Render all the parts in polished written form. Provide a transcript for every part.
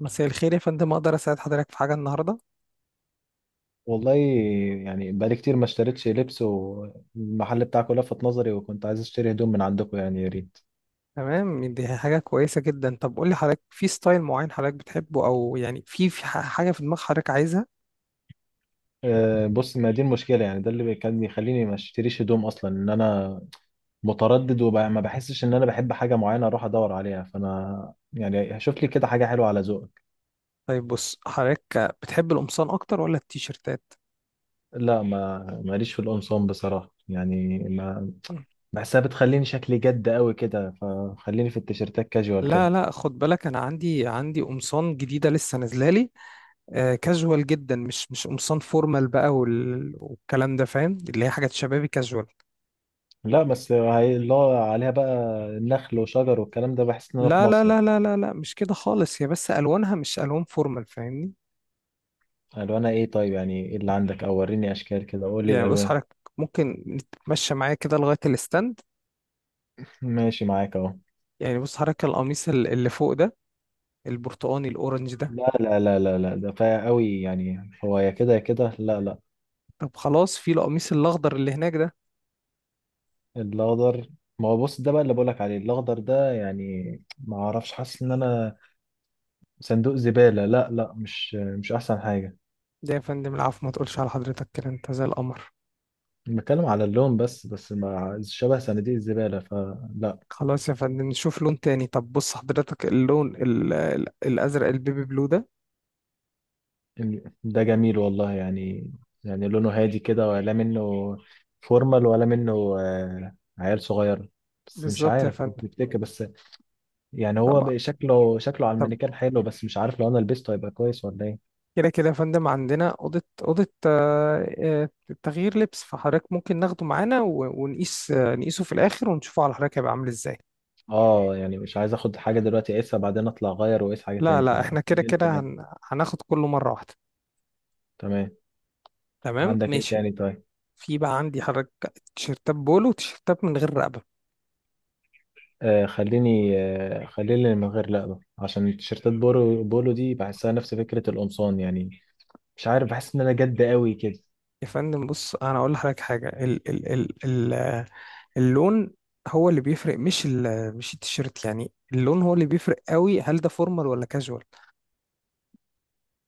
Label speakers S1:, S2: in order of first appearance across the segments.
S1: مساء الخير يا فندم. اقدر اساعد حضرتك في حاجه النهارده؟
S2: والله. يعني بقالي كتير ما اشتريتش لبس، والمحل بتاعك لفت نظري وكنت عايز اشتري هدوم من عندكم، يعني يا ريت.
S1: تمام، دي حاجه كويسه جدا. طب قول لي حضرتك، في ستايل معين حضرتك بتحبه، او يعني حاجه في دماغ حضرتك عايزها؟
S2: أه بص، ما دي المشكلة يعني، ده اللي كان يخليني ما اشتريش هدوم اصلا، ان انا متردد وما بحسش ان انا بحب حاجة معينة اروح ادور عليها. فانا يعني شوف لي كده حاجة حلوة على ذوقك.
S1: طيب بص حضرتك، بتحب القمصان اكتر ولا التيشيرتات؟
S2: لا، ما ماليش في القمصان بصراحة، يعني ما بحسها بتخليني شكلي جد قوي كده، فخليني في التيشيرتات كاجوال كده.
S1: لا لا، خد بالك، انا عندي قمصان جديده لسه نازله لي. آه، كاجوال جدا، مش قمصان فورمال بقى والكلام ده، فاهم؟ اللي هي حاجات شبابي كاجوال.
S2: لا بس اللي هو عليها بقى نخل وشجر والكلام ده، بحس ان انا في
S1: لا لا
S2: مصيف.
S1: لا لا لا لا، مش كده خالص، هي بس الوانها مش الوان فورمال، فاهمني؟
S2: الوانها ايه طيب؟ يعني ايه اللي عندك؟ او وريني اشكال كده، قول لي
S1: يعني بص
S2: الالوان.
S1: حضرتك، ممكن تتمشى معايا كده لغاية الاستند.
S2: ماشي معاك اهو.
S1: يعني بص حضرتك، القميص اللي فوق ده، البرتقاني الأورنج ده.
S2: لا لا لا لا لا، ده فايق قوي يعني، هو يا كده يا كده، لا لا.
S1: طب خلاص، في القميص الأخضر اللي هناك ده.
S2: الاخضر؟ ما هو بص، ده بقى اللي بقولك عليه، الاخضر ده يعني ما اعرفش، حاسس ان انا صندوق زبالة. لا لا، مش احسن حاجة.
S1: ده يا فندم، العفو، ما تقولش على حضرتك كده، أنت زي القمر.
S2: بتكلم على اللون بس، بس مع شبه صناديق الزبالة فلا.
S1: خلاص يا فندم، نشوف لون تاني. طب بص حضرتك، اللون الأزرق البيبي بلو ده.
S2: ده جميل والله يعني. يعني لونه هادي كده، ولا منه فورمال، ولا منه عيال صغير؟ بس مش
S1: بالظبط يا
S2: عارف،
S1: فندم.
S2: تفتكر؟ بس يعني هو
S1: طبعا.
S2: بقى شكله، شكله على
S1: طب.
S2: المانيكان حلو، بس مش عارف لو انا لبسته هيبقى كويس ولا ايه.
S1: كده كده يا فندم، عندنا أوضة تغيير لبس، فحضرتك ممكن ناخده معانا ونقيس، نقيسه في الآخر ونشوفه على حضرتك هيبقى عامل إزاي.
S2: اه يعني مش عايز اخد حاجه دلوقتي اقيسها، بعدين اطلع اغير واقيس حاجه
S1: لا
S2: تاني،
S1: لا، احنا كده
S2: فخليني في
S1: كده،
S2: الاخر.
S1: هناخد كله مرة واحدة.
S2: تمام.
S1: تمام،
S2: عندك ايه
S1: ماشي.
S2: تاني طيب؟
S1: في بقى عندي حضرتك تيشيرتات بولو وتيشيرتات من غير رقبة.
S2: خليني، خليني من غير لقبه، عشان تيشيرتات بولو، دي بحسها نفس فكره القمصان يعني، مش عارف، بحس ان انا جد قوي كده.
S1: يا فندم بص، انا اقول لحضرتك حاجة. اللون هو اللي بيفرق، مش التيشيرت، يعني اللون هو اللي بيفرق قوي، هل ده فورمال ولا كاجوال؟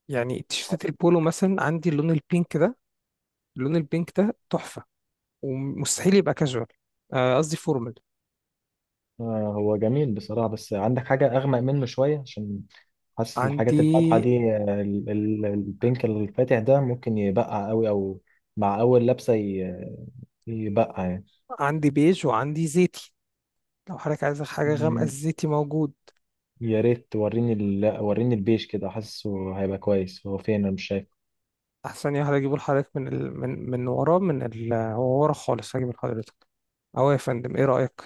S1: يعني تيشيرتات البولو مثلا، عندي اللون البينك ده. اللون البينك ده تحفة. ومستحيل يبقى كاجوال. قصدي فورمال.
S2: هو جميل بصراحة، بس عندك حاجة أغمق منه شوية؟ عشان حاسس الحاجات
S1: عندي
S2: الفاتحة دي، البينك الفاتح ده ممكن يبقع قوي، أو مع أول لبسة يبقع يعني.
S1: عندي بيج وعندي زيتي. لو حضرتك عايز حاجة غامقة،
S2: مم،
S1: الزيتي موجود.
S2: يا ريت وريني وريني البيج كده، حاسه هيبقى كويس. هو فين؟ أنا مش شايفه.
S1: احسن يا هجيبه لحضرتك من ورا هو ورا خالص، هجيب لحضرتك. اهو يا فندم، ايه رايك؟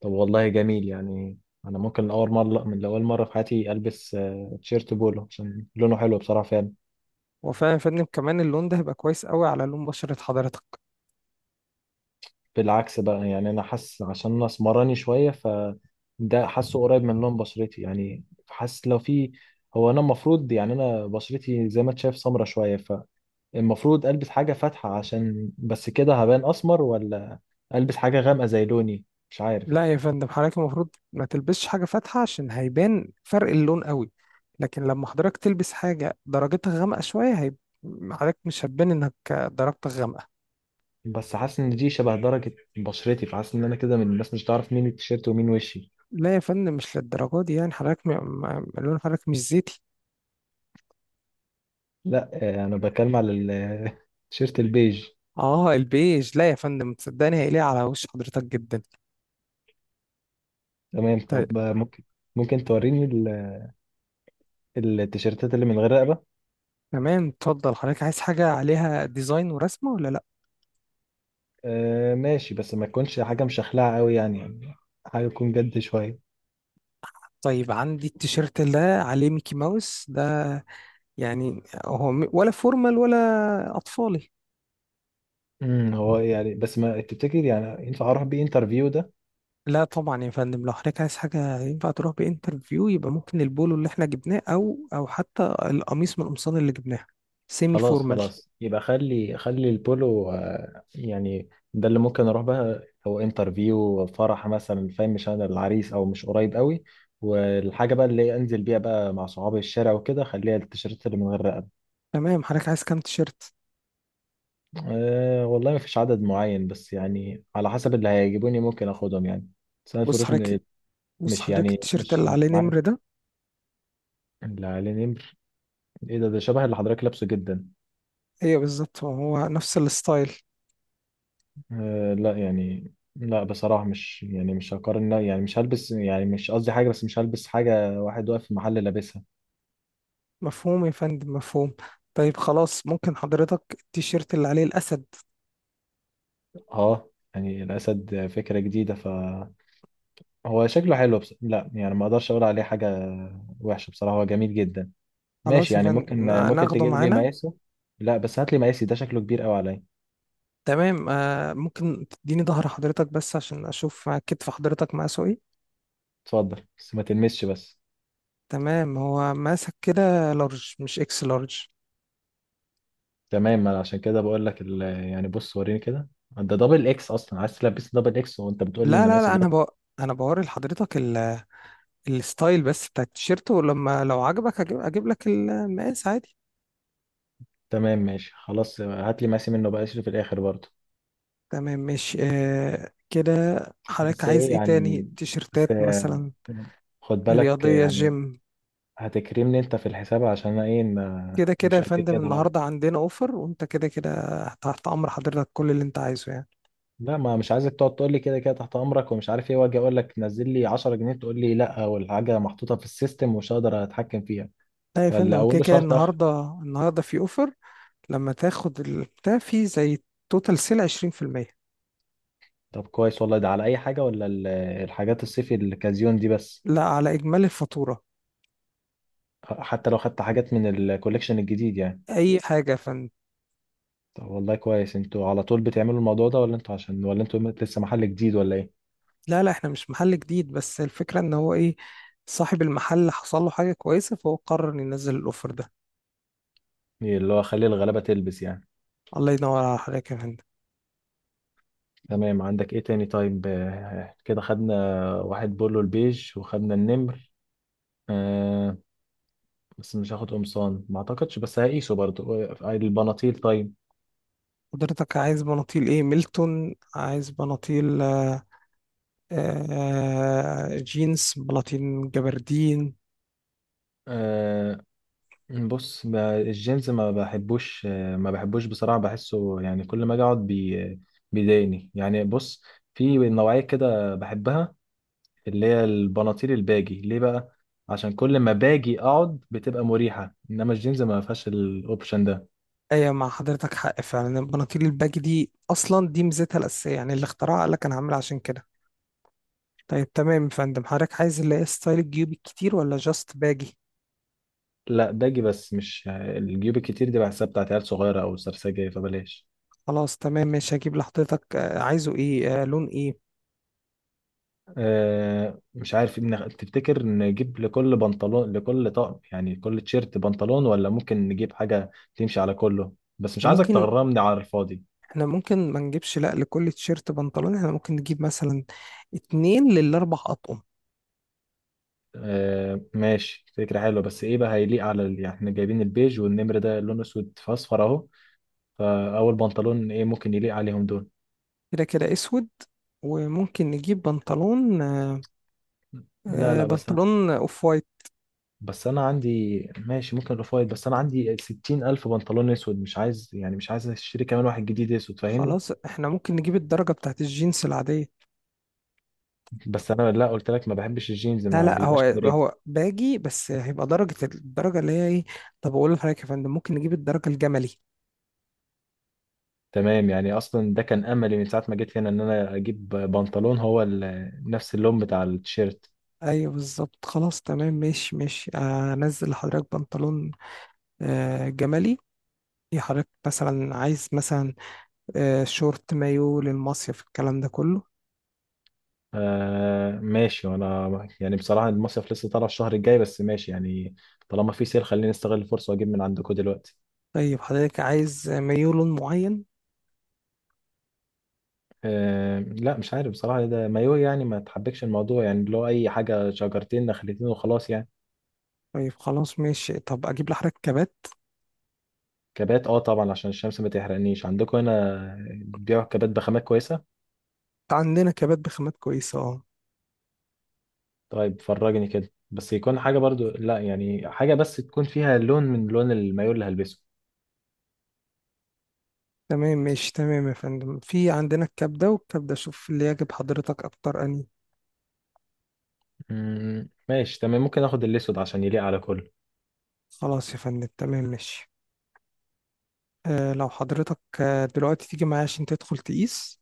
S2: طب والله جميل يعني. أنا ممكن أول مرة، من أول مرة في حياتي ألبس تيشيرت بولو عشان لونه حلو بصراحة، فعلا.
S1: هو فعلا يا فندم، كمان اللون ده هيبقى كويس قوي على لون بشرة حضرتك.
S2: بالعكس بقى يعني، انا حاسس، عشان انا اسمراني شويه، فده حاسه قريب من لون بشرتي يعني. حاسس لو في، هو انا المفروض يعني، انا بشرتي زي ما انت شايف سمره شويه، فالمفروض البس حاجه فاتحه عشان بس كده هبان اسمر، ولا البس حاجه غامقه زي لوني؟ مش عارف.
S1: لا يا فندم، حضرتك المفروض ما تلبسش حاجه فاتحه، عشان هيبان فرق اللون قوي. لكن لما حضرتك تلبس حاجه درجتها غامقه شويه، حضرتك مش هتبان انك درجتك غامقه.
S2: بس حاسس ان دي شبه درجه بشرتي، فحاسس ان انا كده من الناس مش هتعرف مين التيشيرت ومين وشي.
S1: لا يا فندم، مش للدرجه دي، يعني حضرتك لون حضرتك مش زيتي.
S2: لا انا بتكلم على التيشيرت البيج.
S1: اه البيج، لا يا فندم، تصدقني هيليق على وش حضرتك جدا.
S2: تمام
S1: طيب،
S2: طب، ممكن، ممكن توريني التيشيرتات اللي من غير رقبه؟
S1: تمام اتفضل. حضرتك عايز حاجة عليها ديزاين ورسمة ولا لأ؟
S2: آه ماشي، بس ما تكونش حاجة مشخلعة قوي، يعني يعني حاجة تكون جد شوية.
S1: طيب، عندي التيشيرت ده عليه ميكي ماوس ده. يعني هو ولا فورمال ولا أطفالي؟
S2: هو يعني، بس ما تفتكر يعني ينفع اروح بيه انترفيو ده؟
S1: لا طبعا يا فندم، لو حضرتك عايز حاجة ينفع تروح بانترفيو، يبقى ممكن البولو اللي احنا جبناه أو حتى القميص من القمصان اللي جبناها، سيمي
S2: خلاص
S1: فورمال.
S2: خلاص، يبقى خلي البولو يعني ده اللي ممكن اروح بقى هو انترفيو فرح مثلا، فاهم؟ مش انا العريس او مش قريب قوي. والحاجة بقى اللي انزل بيها بقى مع صحابي الشارع وكده، خليها التيشيرت اللي من غير رقبة.
S1: تمام، حضرتك عايز كام تيشيرت؟
S2: أه والله، ما فيش عدد معين، بس يعني على حسب اللي هيجيبوني ممكن اخدهم يعني. بس انا
S1: بص
S2: الفروش
S1: حضرتك بص
S2: مش
S1: حضرتك
S2: يعني
S1: التيشيرت
S2: مش
S1: اللي
S2: مش
S1: عليه
S2: معايا.
S1: نمر ده.
S2: اللي عليه نمر؟ ايه ده؟ ده شبه اللي حضرتك لابسه جدا.
S1: ايوه بالظبط هو، هو نفس الستايل.
S2: آه لا يعني، لا بصراحة مش، يعني مش هقارن، لا يعني مش هلبس، يعني مش قصدي حاجة، بس مش هلبس حاجة واحد واقف في محل لابسها.
S1: مفهوم يا فندم، مفهوم. طيب خلاص، ممكن حضرتك التيشيرت اللي عليه الأسد؟
S2: اه يعني الأسد فكرة جديدة، فهو شكله حلو، بس لا يعني ما اقدرش اقول عليه حاجة وحشة بصراحة، هو جميل جدا. ماشي
S1: خلاص يا
S2: يعني، ممكن،
S1: فندم،
S2: ممكن
S1: ناخده
S2: تجيب لي
S1: معانا.
S2: مقاسه. لا بس هات لي مقاسي، ده شكله كبير قوي عليا.
S1: تمام. ممكن تديني ظهر حضرتك بس عشان أشوف كتف حضرتك مقاسه إيه.
S2: اتفضل، بس ما تلمسش بس.
S1: تمام، هو ماسك كده لارج مش إكس لارج.
S2: تمام، ما انا عشان كده بقول لك يعني بص وريني كده، ده دبل اكس اصلا، عايز تلبس دبل اكس وانت بتقول لي
S1: لا
S2: ان
S1: لا
S2: مقاسي
S1: لا،
S2: ده؟
S1: أنا أنا بوري لحضرتك الستايل بس بتاع التيشيرت، ولما لو عجبك أجيب لك المقاس عادي.
S2: تمام ماشي خلاص، هات لي مقاسي منه بقى، اشيله في الاخر برضه.
S1: تمام، ماشي كده. حضرتك
S2: بس
S1: عايز
S2: ايه
S1: إيه تاني،
S2: يعني، بس
S1: تيشيرتات
S2: يعني
S1: مثلا؟
S2: خد بالك
S1: رياضية،
S2: يعني،
S1: جيم؟
S2: هتكرمني انت في الحساب، عشان انا ايه
S1: كده كده
S2: مش
S1: يا
S2: قد
S1: فندم،
S2: كده برضه.
S1: النهارده عندنا اوفر، وانت كده كده تحت امر حضرتك، كل اللي انت عايزه يعني.
S2: لا، ما مش عايزك تقعد تقول لي كده كده تحت امرك ومش عارف ايه، واجي اقول لك نزل لي 10 جنيه تقول لي لا، والحاجه محطوطه في السيستم ومش هقدر اتحكم فيها.
S1: لا يا فندم،
S2: فاللي
S1: وكده
S2: اوله
S1: كده
S2: شرط.
S1: النهارده، في اوفر. لما تاخد البتاع، في زي توتال سيل، 20%.
S2: طب كويس والله، ده على اي حاجه، ولا الحاجات الصيفي الكازيون دي بس؟
S1: لا، على اجمالي الفاتوره.
S2: حتى لو خدت حاجات من الكوليكشن الجديد يعني؟
S1: اي حاجه يا فندم.
S2: طب والله كويس، انتوا على طول بتعملوا الموضوع ده، ولا انتوا عشان، ولا انتوا لسه محل جديد، ولا ايه؟
S1: لا لا، احنا مش محل جديد، بس الفكره ان هو ايه، صاحب المحل حصل له حاجه كويسه، فهو قرر إنه ينزل الاوفر ده.
S2: إيه اللي هو، خلي الغلابه تلبس يعني.
S1: الله ينور على حضرتك يا فندم.
S2: تمام. عندك ايه تاني طيب؟ كده خدنا واحد بولو البيج، وخدنا النمر. آه بس مش هاخد قمصان ما اعتقدش، بس هقيسه برضه. البناطيل طيب.
S1: حضرتك عايز بناطيل ايه، ميلتون، عايز بناطيل جينز، بلاطين، جبردين؟
S2: آه، بص الجيمز ما بحبوش، ما بحبوش بصراحة، بحسه يعني كل ما اجي اقعد بي بيضايقني يعني. بص، في نوعية كده بحبها، اللي هي البناطيل الباجي. ليه بقى؟ عشان كل ما باجي اقعد بتبقى مريحة، انما الجيمز ما فيهاش الاوبشن ده.
S1: ايوه، مع حضرتك حق فعلا، البناطيل الباجي دي اصلا دي ميزتها الاساسيه، يعني اللي اخترعها قال لك انا هعملها عشان كده. طيب تمام يا فندم، حضرتك عايز اللي هي ستايل الجيوب الكتير ولا جاست باجي؟
S2: لا باجي، بس مش الجيوب الكتير دي، بحسها بتاعت عيال صغيرة او سرسجة، فبلاش.
S1: خلاص تمام ماشي، هجيب لحضرتك. عايزه ايه، لون ايه؟
S2: مش عارف تفتكر نجيب لكل بنطلون، لكل طقم يعني كل تيشيرت بنطلون، ولا ممكن نجيب حاجة تمشي على كله؟ بس مش
S1: إحنا
S2: عايزك
S1: ممكن
S2: تغرمني على الفاضي.
S1: احنا ممكن ما نجيبش لا لكل تيشيرت بنطلون، احنا ممكن نجيب مثلا 2 لل4 اطقم.
S2: آه ماشي، فكرة حلوة، بس ايه بقى هيليق على يعني احنا جايبين البيج والنمر ده لونه اسود في اصفر اهو، فاول بنطلون ايه ممكن يليق عليهم دول؟
S1: كده كده اسود، وممكن نجيب بنطلون،
S2: لا لا،
S1: بنطلون اوف وايت.
S2: بس انا عندي، ماشي ممكن الاوف وايت، بس انا عندي 60 الف بنطلون اسود، مش عايز يعني، مش عايز اشتري كمان واحد جديد اسود، فاهمني؟
S1: خلاص، احنا ممكن نجيب الدرجة بتاعت الجينز العادية.
S2: بس انا لا، قلت لك ما بحبش الجينز،
S1: لا
S2: ما
S1: لا، هو
S2: بيبقاش مريح.
S1: هو باجي، بس هيبقى درجة الدرجة اللي هي ايه. طب اقول لحضرتك يا فندم، ممكن نجيب الدرجة الجملي.
S2: تمام، يعني اصلا ده كان املي من ساعه ما جيت هنا، ان انا اجيب بنطلون هو نفس اللون بتاع التيشيرت.
S1: ايوه بالظبط. خلاص تمام، ماشي ماشي. انزل لحضرتك بنطلون جملي. يا حضرتك مثلا، عايز مثلا شورت، مايو للمصيف، الكلام ده كله؟
S2: آه ماشي. وانا يعني بصراحه المصيف لسه طالع الشهر الجاي، بس ماشي يعني، طالما في سيل خليني استغل الفرصه واجيب من عندكم دلوقتي.
S1: طيب، حضرتك عايز مايو لون معين؟
S2: آه لا مش عارف بصراحه، ده مايو يعني ما تحبكش الموضوع يعني، اللي هو اي حاجه شجرتين نخلتين وخلاص يعني.
S1: طيب خلاص ماشي. طب اجيب لحضرتك كبات؟
S2: كبات؟ اه طبعا، عشان الشمس ما تحرقنيش. عندكم هنا بيبيعوا كبات بخامات كويسه؟
S1: عندنا كبات بخامات كويسة، اه.
S2: طيب فرجني كده، بس يكون حاجة برضو، لا يعني حاجة بس تكون فيها لون من لون المايو اللي هلبسه.
S1: تمام ماشي، تمام يا فندم، في عندنا الكبدة والكبدة، شوف اللي يعجب حضرتك أكتر أني.
S2: ماشي تمام، ممكن اخد الاسود عشان يليق على كله.
S1: خلاص يا فندم، تمام ماشي. لو حضرتك دلوقتي تيجي معايا عشان تدخل تقيس.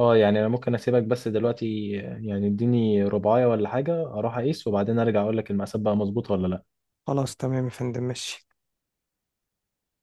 S2: اه يعني انا ممكن اسيبك، بس دلوقتي يعني اديني رباية ولا حاجة اروح اقيس، وبعدين ارجع اقول لك المقاسات بقى مظبوطة ولا لا.
S1: خلاص تمام يا فندم، ماشي.